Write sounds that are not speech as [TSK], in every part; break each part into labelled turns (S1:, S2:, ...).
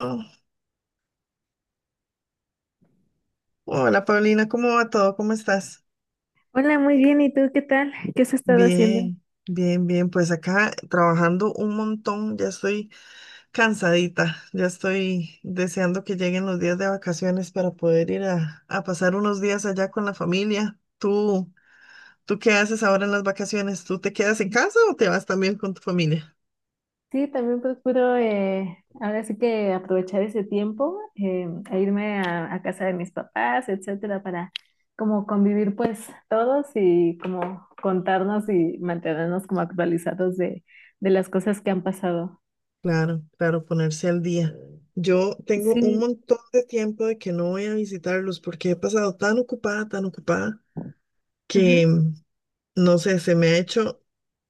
S1: Oh, hola Paulina, ¿cómo va todo? ¿Cómo estás?
S2: Hola, muy bien. ¿Y tú qué tal? ¿Qué has estado haciendo?
S1: Bien, bien, bien. Pues acá trabajando un montón, ya estoy cansadita, ya estoy deseando que lleguen los días de vacaciones para poder ir a pasar unos días allá con la familia. ¿Tú qué haces ahora en las vacaciones? ¿Tú te quedas en casa o te vas también con tu familia?
S2: Sí, también procuro ahora sí que aprovechar ese tiempo, a irme a casa de mis papás, etcétera, para como convivir pues todos y como contarnos y mantenernos como actualizados de las cosas que han pasado.
S1: Claro, claro, ponerse al día. Yo tengo un
S2: Sí,
S1: montón de tiempo de que no voy a visitarlos porque he pasado tan ocupada,
S2: ujú.
S1: que mm, no sé,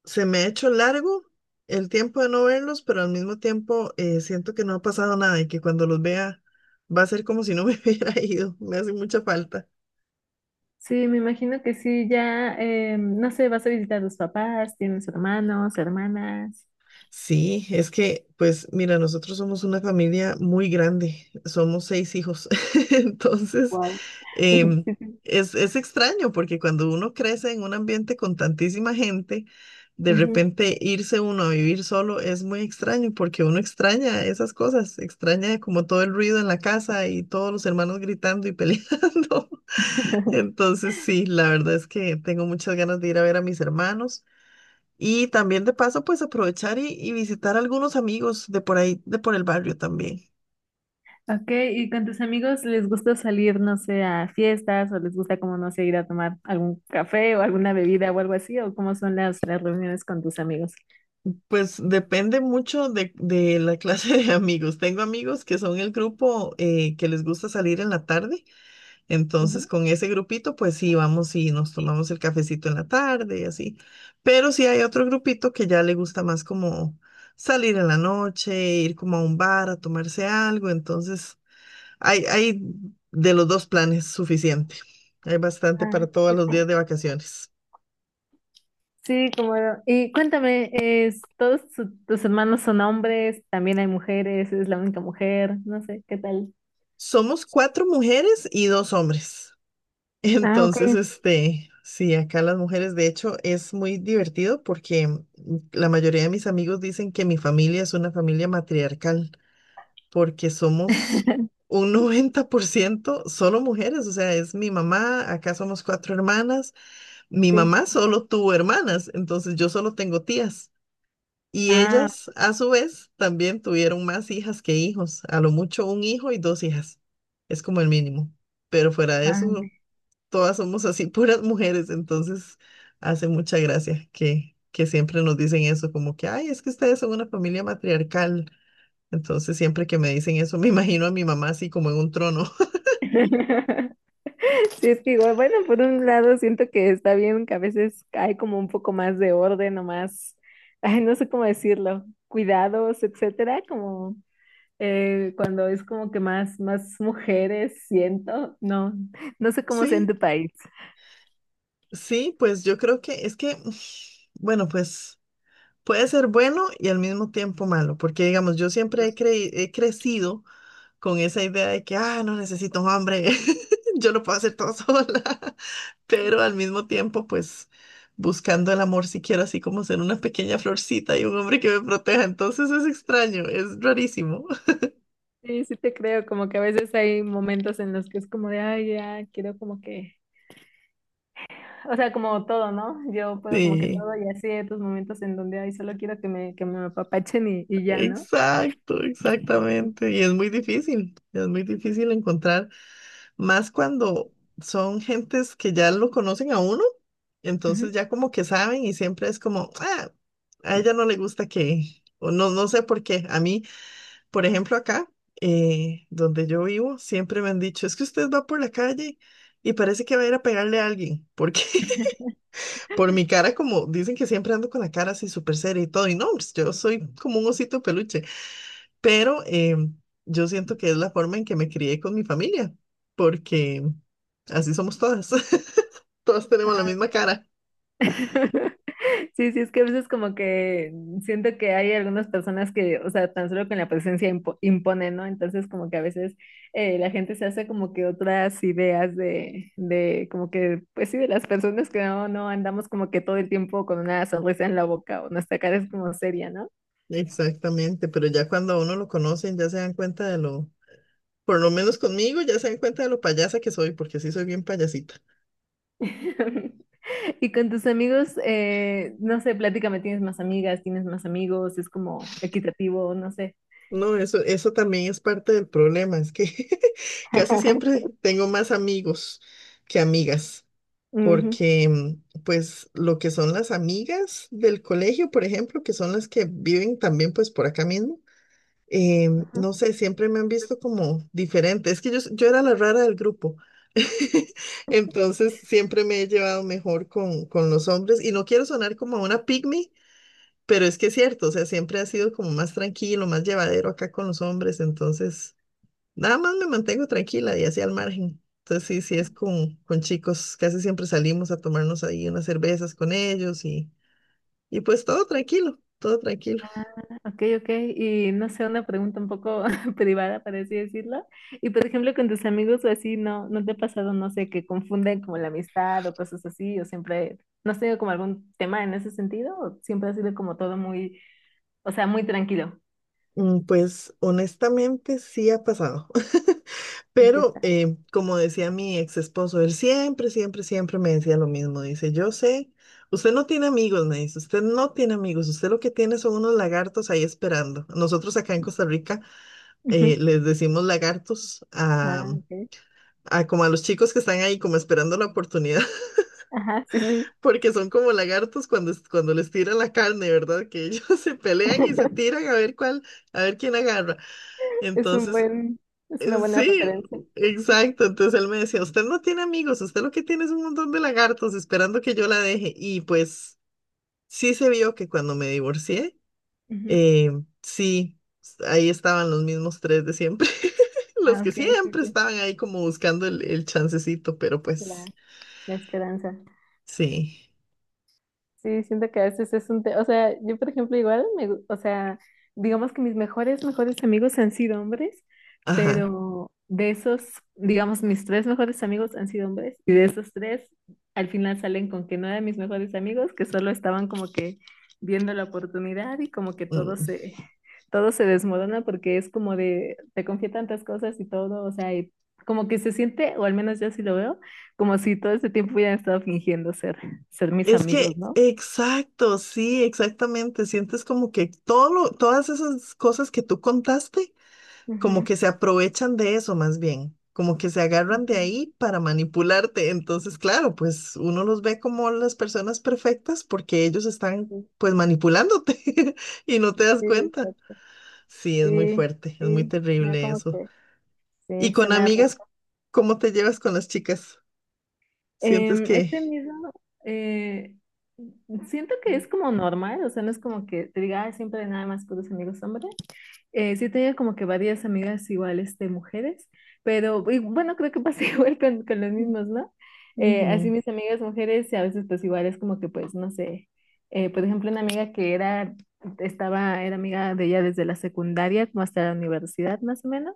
S1: se me ha hecho largo el tiempo de no verlos, pero al mismo tiempo siento que no ha pasado nada y que cuando los vea va a ser como si no me [LAUGHS] hubiera ido. Me hace mucha falta.
S2: Sí, me imagino que sí, ya, no sé, vas a visitar a tus papás, tienes hermanos, hermanas.
S1: Sí, es que, pues mira, nosotros somos una familia muy grande, somos seis hijos, [LAUGHS] entonces...
S2: Wow. [LAUGHS]
S1: Em,
S2: Sí, sí.
S1: es extraño porque cuando uno crece en un ambiente con tantísima gente, de
S2: Ujú.
S1: repente irse uno a vivir solo es muy extraño porque uno extraña esas cosas, extraña como todo el ruido en la casa y todos los hermanos gritando y peleando. [LAUGHS]
S2: [LAUGHS]
S1: Entonces sí, la verdad es que tengo muchas ganas de ir a ver a mis hermanos y también de paso pues aprovechar y visitar a algunos amigos de por ahí, de por el barrio también.
S2: Ok, ¿y con tus amigos les gusta salir, no sé, a fiestas o les gusta como, no sé, ir a tomar algún café o alguna bebida o algo así? ¿O cómo son las reuniones con tus amigos?
S1: Pues depende mucho de la clase de amigos. Tengo amigos que son el grupo que les gusta salir en la tarde, entonces
S2: Ujú.
S1: con ese grupito pues sí, vamos y nos tomamos el cafecito en la tarde y así. Pero sí hay otro grupito que ya le gusta más como salir en la noche, ir como a un bar a tomarse algo, entonces hay de los dos planes suficiente. Hay bastante para
S2: Ah,
S1: todos
S2: sí,
S1: los
S2: sí.
S1: días de vacaciones.
S2: Sí, como, y cuéntame, es, ¿todos tus hermanos son hombres? ¿También hay mujeres? ¿Es la única mujer? No sé, ¿qué tal?
S1: Somos cuatro mujeres y dos hombres.
S2: Ah,
S1: Entonces,
S2: ok.
S1: este, sí, acá las mujeres, de hecho, es muy divertido porque la mayoría de mis amigos dicen que mi familia es una familia matriarcal, porque somos
S2: [LAUGHS]
S1: un [LAUGHS] 90% solo mujeres, o sea, es mi mamá, acá somos cuatro hermanas, mi
S2: Sí.
S1: mamá solo tuvo hermanas, entonces yo solo tengo tías. Y
S2: Ah,
S1: ellas, a su vez, también tuvieron más hijas que hijos, a lo mucho un hijo y dos hijas, es como el mínimo, pero fuera de
S2: Ah,
S1: eso todas somos así, [LAUGHS] puras mujeres, entonces hace mucha gracia que siempre nos dicen eso, como que, ay, es que ustedes son una familia matriarcal. Entonces siempre que me dicen eso, [LAUGHS] me imagino a mi mamá así como en un trono. [LAUGHS]
S2: [LAUGHS] Sí, es que igual, bueno, por un lado siento que está bien que a veces hay como un poco más de orden o más, [LAUGHS] ay, no sé cómo decirlo, cuidados, etcétera, como cuando es como que más, más mujeres siento, no, no sé cómo sea en
S1: Sí,
S2: tu país.
S1: sí, pues yo creo que es que, [SIGHS] bueno, pues puede ser bueno y al mismo tiempo malo, porque digamos, yo siempre he crecido con esa idea de que, ah, no necesito un hombre, [LAUGHS] yo lo puedo hacer todo [LAUGHS] sola. Pero al mismo tiempo, pues buscando el amor, si quiero así como ser una pequeña florcita y un hombre que me proteja. Entonces es extraño, es rarísimo. [LAUGHS]
S2: Sí, sí te creo, como que a veces hay momentos en los que es como de, ay, ya, quiero como que, o sea, como todo, ¿no? Yo puedo como que
S1: Sí,
S2: todo y así hay otros momentos en donde, ay, solo quiero que me apapachen y ya, ¿no?
S1: exacto, exactamente. Y es muy difícil encontrar, más cuando son gentes que ya lo conocen a uno,
S2: Ujú.
S1: entonces ya como que saben y siempre es como, ah, a ella no le gusta que, o no, no sé por qué, a mí. Por ejemplo, acá, donde yo vivo, siempre me han dicho, es que usted va por la calle y parece que va a ir a pegarle a alguien, porque [LAUGHS] por mi cara, como dicen que siempre ando con la cara así súper seria y todo, y no, pues, yo soy como un osito de peluche, pero yo siento que es la forma en que me crié con mi familia, porque así somos todas, [LAUGHS] todas tenemos la misma cara.
S2: [LAUGHS] Sí, sí, es que a veces como que siento que hay algunas personas que, o sea, tan solo con la presencia impone, ¿no? Entonces como que a veces la gente se hace como que otras ideas de como que, pues sí, de las personas que no, no andamos como que todo el tiempo con una sonrisa en la boca o nuestra cara es como seria, ¿no?
S1: Exactamente, pero ya cuando a uno lo conocen, ya se dan cuenta de lo, por lo menos conmigo, ya se dan cuenta de lo payasa que soy, porque sí soy bien payasita.
S2: [LAUGHS] Y con tus amigos, no sé, platícame, ¿tienes más amigas, tienes más amigos? ¿Es como equitativo? No sé.
S1: No, eso también es parte del problema, es que [LAUGHS] casi
S2: [LAUGHS]
S1: siempre tengo más amigos que amigas,
S2: Ujú.
S1: porque pues lo que son las amigas del colegio, por ejemplo, que son las que viven también pues por acá mismo, no sé, siempre me han visto como diferente, es que yo era la rara del grupo, [LAUGHS] entonces siempre me he llevado mejor con los hombres y no quiero sonar como una pygmy pero es que es cierto, o sea, siempre ha sido como más tranquilo, más llevadero acá con los hombres, entonces nada más me mantengo tranquila y así al margen. Entonces sí, sí es con chicos, casi siempre salimos a tomarnos ahí unas cervezas con ellos y pues todo tranquilo, todo tranquilo.
S2: Ok, ok, y no sé, una pregunta un poco [LAUGHS] privada, para así decirlo. Y por ejemplo, con tus amigos o así, ¿no, no te ha pasado, no sé, que confunden como la amistad o cosas así? ¿O siempre, no has tenido como algún tema en ese sentido? ¿O siempre ha sido como todo muy, o sea, muy tranquilo?
S1: Pues honestamente sí ha pasado.
S2: ¿Y qué
S1: Pero,
S2: tal?
S1: como decía mi ex esposo, él siempre, siempre, siempre me decía lo mismo. Dice, yo sé, usted no tiene amigos, me dice, usted no tiene amigos, usted lo que tiene son unos lagartos ahí esperando. Nosotros acá en Costa Rica
S2: Ujú.
S1: les decimos lagartos
S2: Ah, ok.
S1: a como a los chicos que están ahí como esperando la oportunidad, [LAUGHS]
S2: Ajá, sí, sí.
S1: porque son como lagartos cuando les tiran la carne, ¿verdad? Que ellos [LAUGHS] se pelean y se
S2: [LAUGHS]
S1: tiran a ver cuál, a ver quién agarra.
S2: Es un
S1: Entonces,
S2: buen, es una buena
S1: Sí,
S2: referencia.
S1: exacto. Entonces él me decía, usted no tiene amigos, usted lo que tiene es un montón de lagartos esperando que yo la deje. Y pues sí se vio que cuando me divorcié,
S2: Ujú.
S1: eh, ahí estaban los mismos tres de siempre, [LAUGHS] los
S2: Ah,
S1: que
S2: ok, sí,
S1: siempre
S2: sí.
S1: estaban ahí como buscando el chancecito, pero
S2: La,
S1: pues
S2: la esperanza.
S1: sí,
S2: Sí, siento que a veces es un tema, o sea, yo por ejemplo igual, me, o sea, digamos que mis mejores, mejores amigos han sido hombres,
S1: ajá.
S2: pero de esos, digamos, mis tres mejores amigos han sido hombres, y de esos tres, al final salen con que no eran mis mejores amigos, que solo estaban como que viendo la oportunidad y como que
S1: Mm.
S2: todo se desmorona porque es como de, te confía tantas cosas y todo, o sea, y como que se siente, o al menos yo sí lo veo, como si todo este tiempo hubieran estado fingiendo ser, ser mis
S1: Es
S2: amigos,
S1: que,
S2: ¿no?
S1: exacto, sí, exactamente. Sientes como que todo lo- todas esas cosas que tú contaste. Como
S2: Ujú,
S1: que se aprovechan de eso más bien, como que se agarran de
S2: ujú,
S1: ahí para manipularte. Entonces, claro, pues uno los ve como las personas perfectas porque ellos están
S2: sí,
S1: pues manipulándote [LAUGHS] y no te das
S2: sí,
S1: cuenta.
S2: exacto.
S1: Sí, es muy
S2: Sí,
S1: fuerte, es muy
S2: sí, se me da
S1: terrible
S2: como
S1: eso.
S2: que
S1: Y
S2: sí, se
S1: con
S2: me arruga.
S1: amigas, ¿cómo te llevas con las chicas? ¿Sientes
S2: He
S1: que...
S2: tenido, eh, siento que es como normal, o sea, no es como que te diga, "Ay, siempre nada más con los amigos hombres. Sí tenía como que varias amigas iguales de mujeres, pero y bueno, creo que pasa [LAUGHS] igual con los mismos, ¿no? Así
S1: Ujú.
S2: mis amigas mujeres, y a veces pues igual es como que pues, no sé, por ejemplo, una amiga que era, estaba, era amiga de ella desde la secundaria como hasta la universidad más o menos,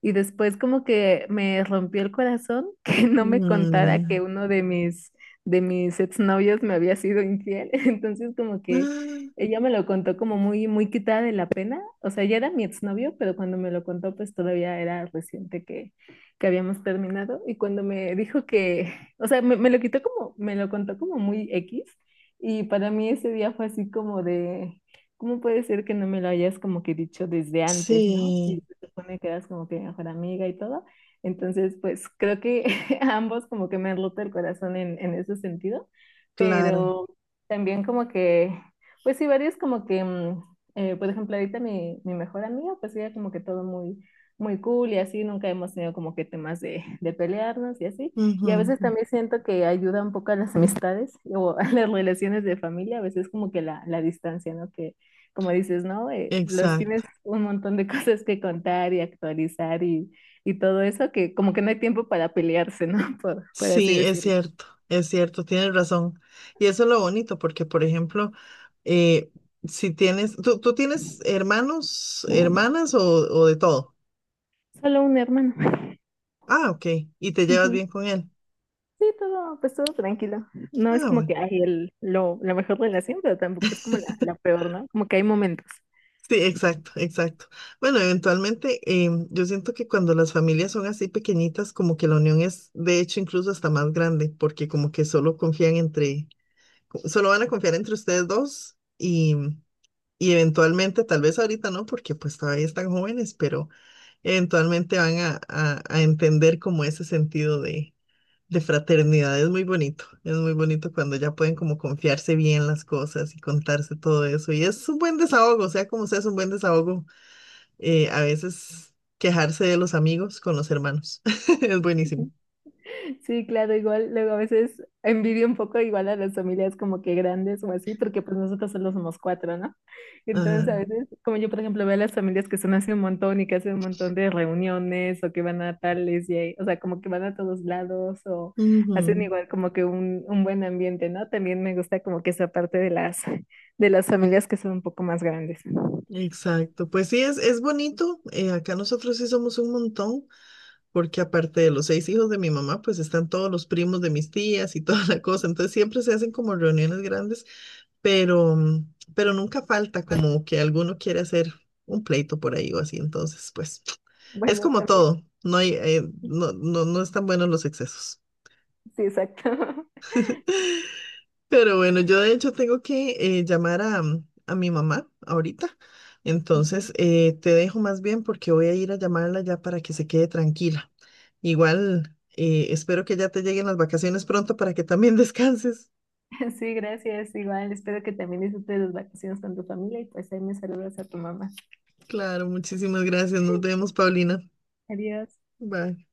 S2: y después como que me rompió el corazón [LAUGHS] que no me contara que
S1: Mm. [GASPS]
S2: uno de mis exnovios me había sido infiel, [LAUGHS] entonces como que
S1: Ah,
S2: ella me lo contó como muy, muy quitada de la pena. O sea, ya era mi exnovio, pero cuando me lo contó, pues todavía era reciente que habíamos terminado. Y cuando me dijo que, [LAUGHS] o sea, me lo quitó como, me lo contó como muy X. Y para mí ese día fue así como de, ¿cómo puede ser que no me lo hayas como que dicho desde antes, ¿no? Si
S1: sí,
S2: se supone que eras como que mi mejor amiga y todo. Entonces, pues creo que [LAUGHS] a ambos como que me han roto el corazón en ese sentido.
S1: claro.
S2: Pero también como que pues sí, varios como que, por ejemplo, ahorita mi, mi mejor amiga, pues ella como que todo muy, muy cool y así, nunca hemos tenido como que temas de, [LAUGHS] de pelearnos y así.
S1: Ujú,
S2: Y a veces
S1: ujú.
S2: también siento que ayuda un poco a las [LAUGHS] amistades o a las relaciones de familia, a veces como que la distancia, ¿no? Que como dices, ¿no? Los tienes
S1: Exacto.
S2: un montón de [LAUGHS] cosas que contar y actualizar y todo eso, que como que no hay tiempo para pelearse, ¿no? [LAUGHS] Por así
S1: Sí,
S2: decirlo.
S1: es cierto, tienes razón. Y eso es lo bonito, porque, por ejemplo, eh, si tienes, ¿tú tienes hermanos, hermanas o de todo?
S2: Solo un hermano.
S1: Ah, ok, y te llevas bien
S2: [LAUGHS]
S1: con él.
S2: Sí, todo, pues todo tranquilo. No es
S1: Ah,
S2: como
S1: bueno.
S2: que hay el, lo, la mejor relación, pero tampoco es como la
S1: [LAUGHS]
S2: peor, ¿no? Como que hay momentos.
S1: Sí, exacto, exacto. Bueno, eventualmente yo siento que cuando las familias son así pequeñitas, como que la unión es, de hecho, incluso hasta más grande, porque como que solo solo van a confiar entre ustedes dos. Y eventualmente, tal vez ahorita no, porque pues todavía están jóvenes, pero eventualmente van a entender como ese sentido de fraternidad. Es muy bonito cuando ya pueden como confiarse bien las cosas y contarse todo eso. Y es un buen desahogo, sea como sea, es un buen desahogo. Eh, a veces quejarse de los amigos con los hermanos. [LAUGHS] Es buenísimo.
S2: Sí, claro, igual, luego a veces envidio un poco igual a las familias como que grandes o así, porque pues nosotros solo somos cuatro, ¿no? Entonces a
S1: Ajá.
S2: veces, como yo por ejemplo veo a las familias que son hace un montón y que hacen un montón de reuniones o que van a tales y ahí- o sea, como que van a todos lados o hacen
S1: Ujú,
S2: igual como que un buen ambiente, ¿no? También me gusta como que esa parte de las familias que son un poco más grandes.
S1: exacto. Pues sí, es bonito. Acá nosotros sí somos un montón. Porque aparte de los seis hijos de mi mamá, pues están todos los primos de mis tías y [LAUGHS] toda la cosa. Entonces siempre se hacen como reuniones grandes, pero, pero nunca falta como que alguno quiere hacer un pleito por ahí o así. Entonces, pues [TSK] es
S2: Bueno,
S1: como
S2: también.
S1: todo. No hay, no, no, no están buenos los excesos.
S2: Sí, exacto. [LAUGHS]
S1: Pero bueno, yo de hecho tengo que llamar a mi mamá ahorita.
S2: Ujú.
S1: Entonces, te dejo más bien porque voy a ir a llamarla ya para que se quede tranquila. Igual, espero que ya te lleguen las vacaciones pronto para que también [LAUGHS] descanses.
S2: Sí, gracias. Igual, espero que también disfrutes las vacaciones con tu familia y pues ahí me saludas a tu mamá.
S1: Claro, muchísimas gracias. Nos vemos, Paulina.
S2: Adiós.
S1: Bye.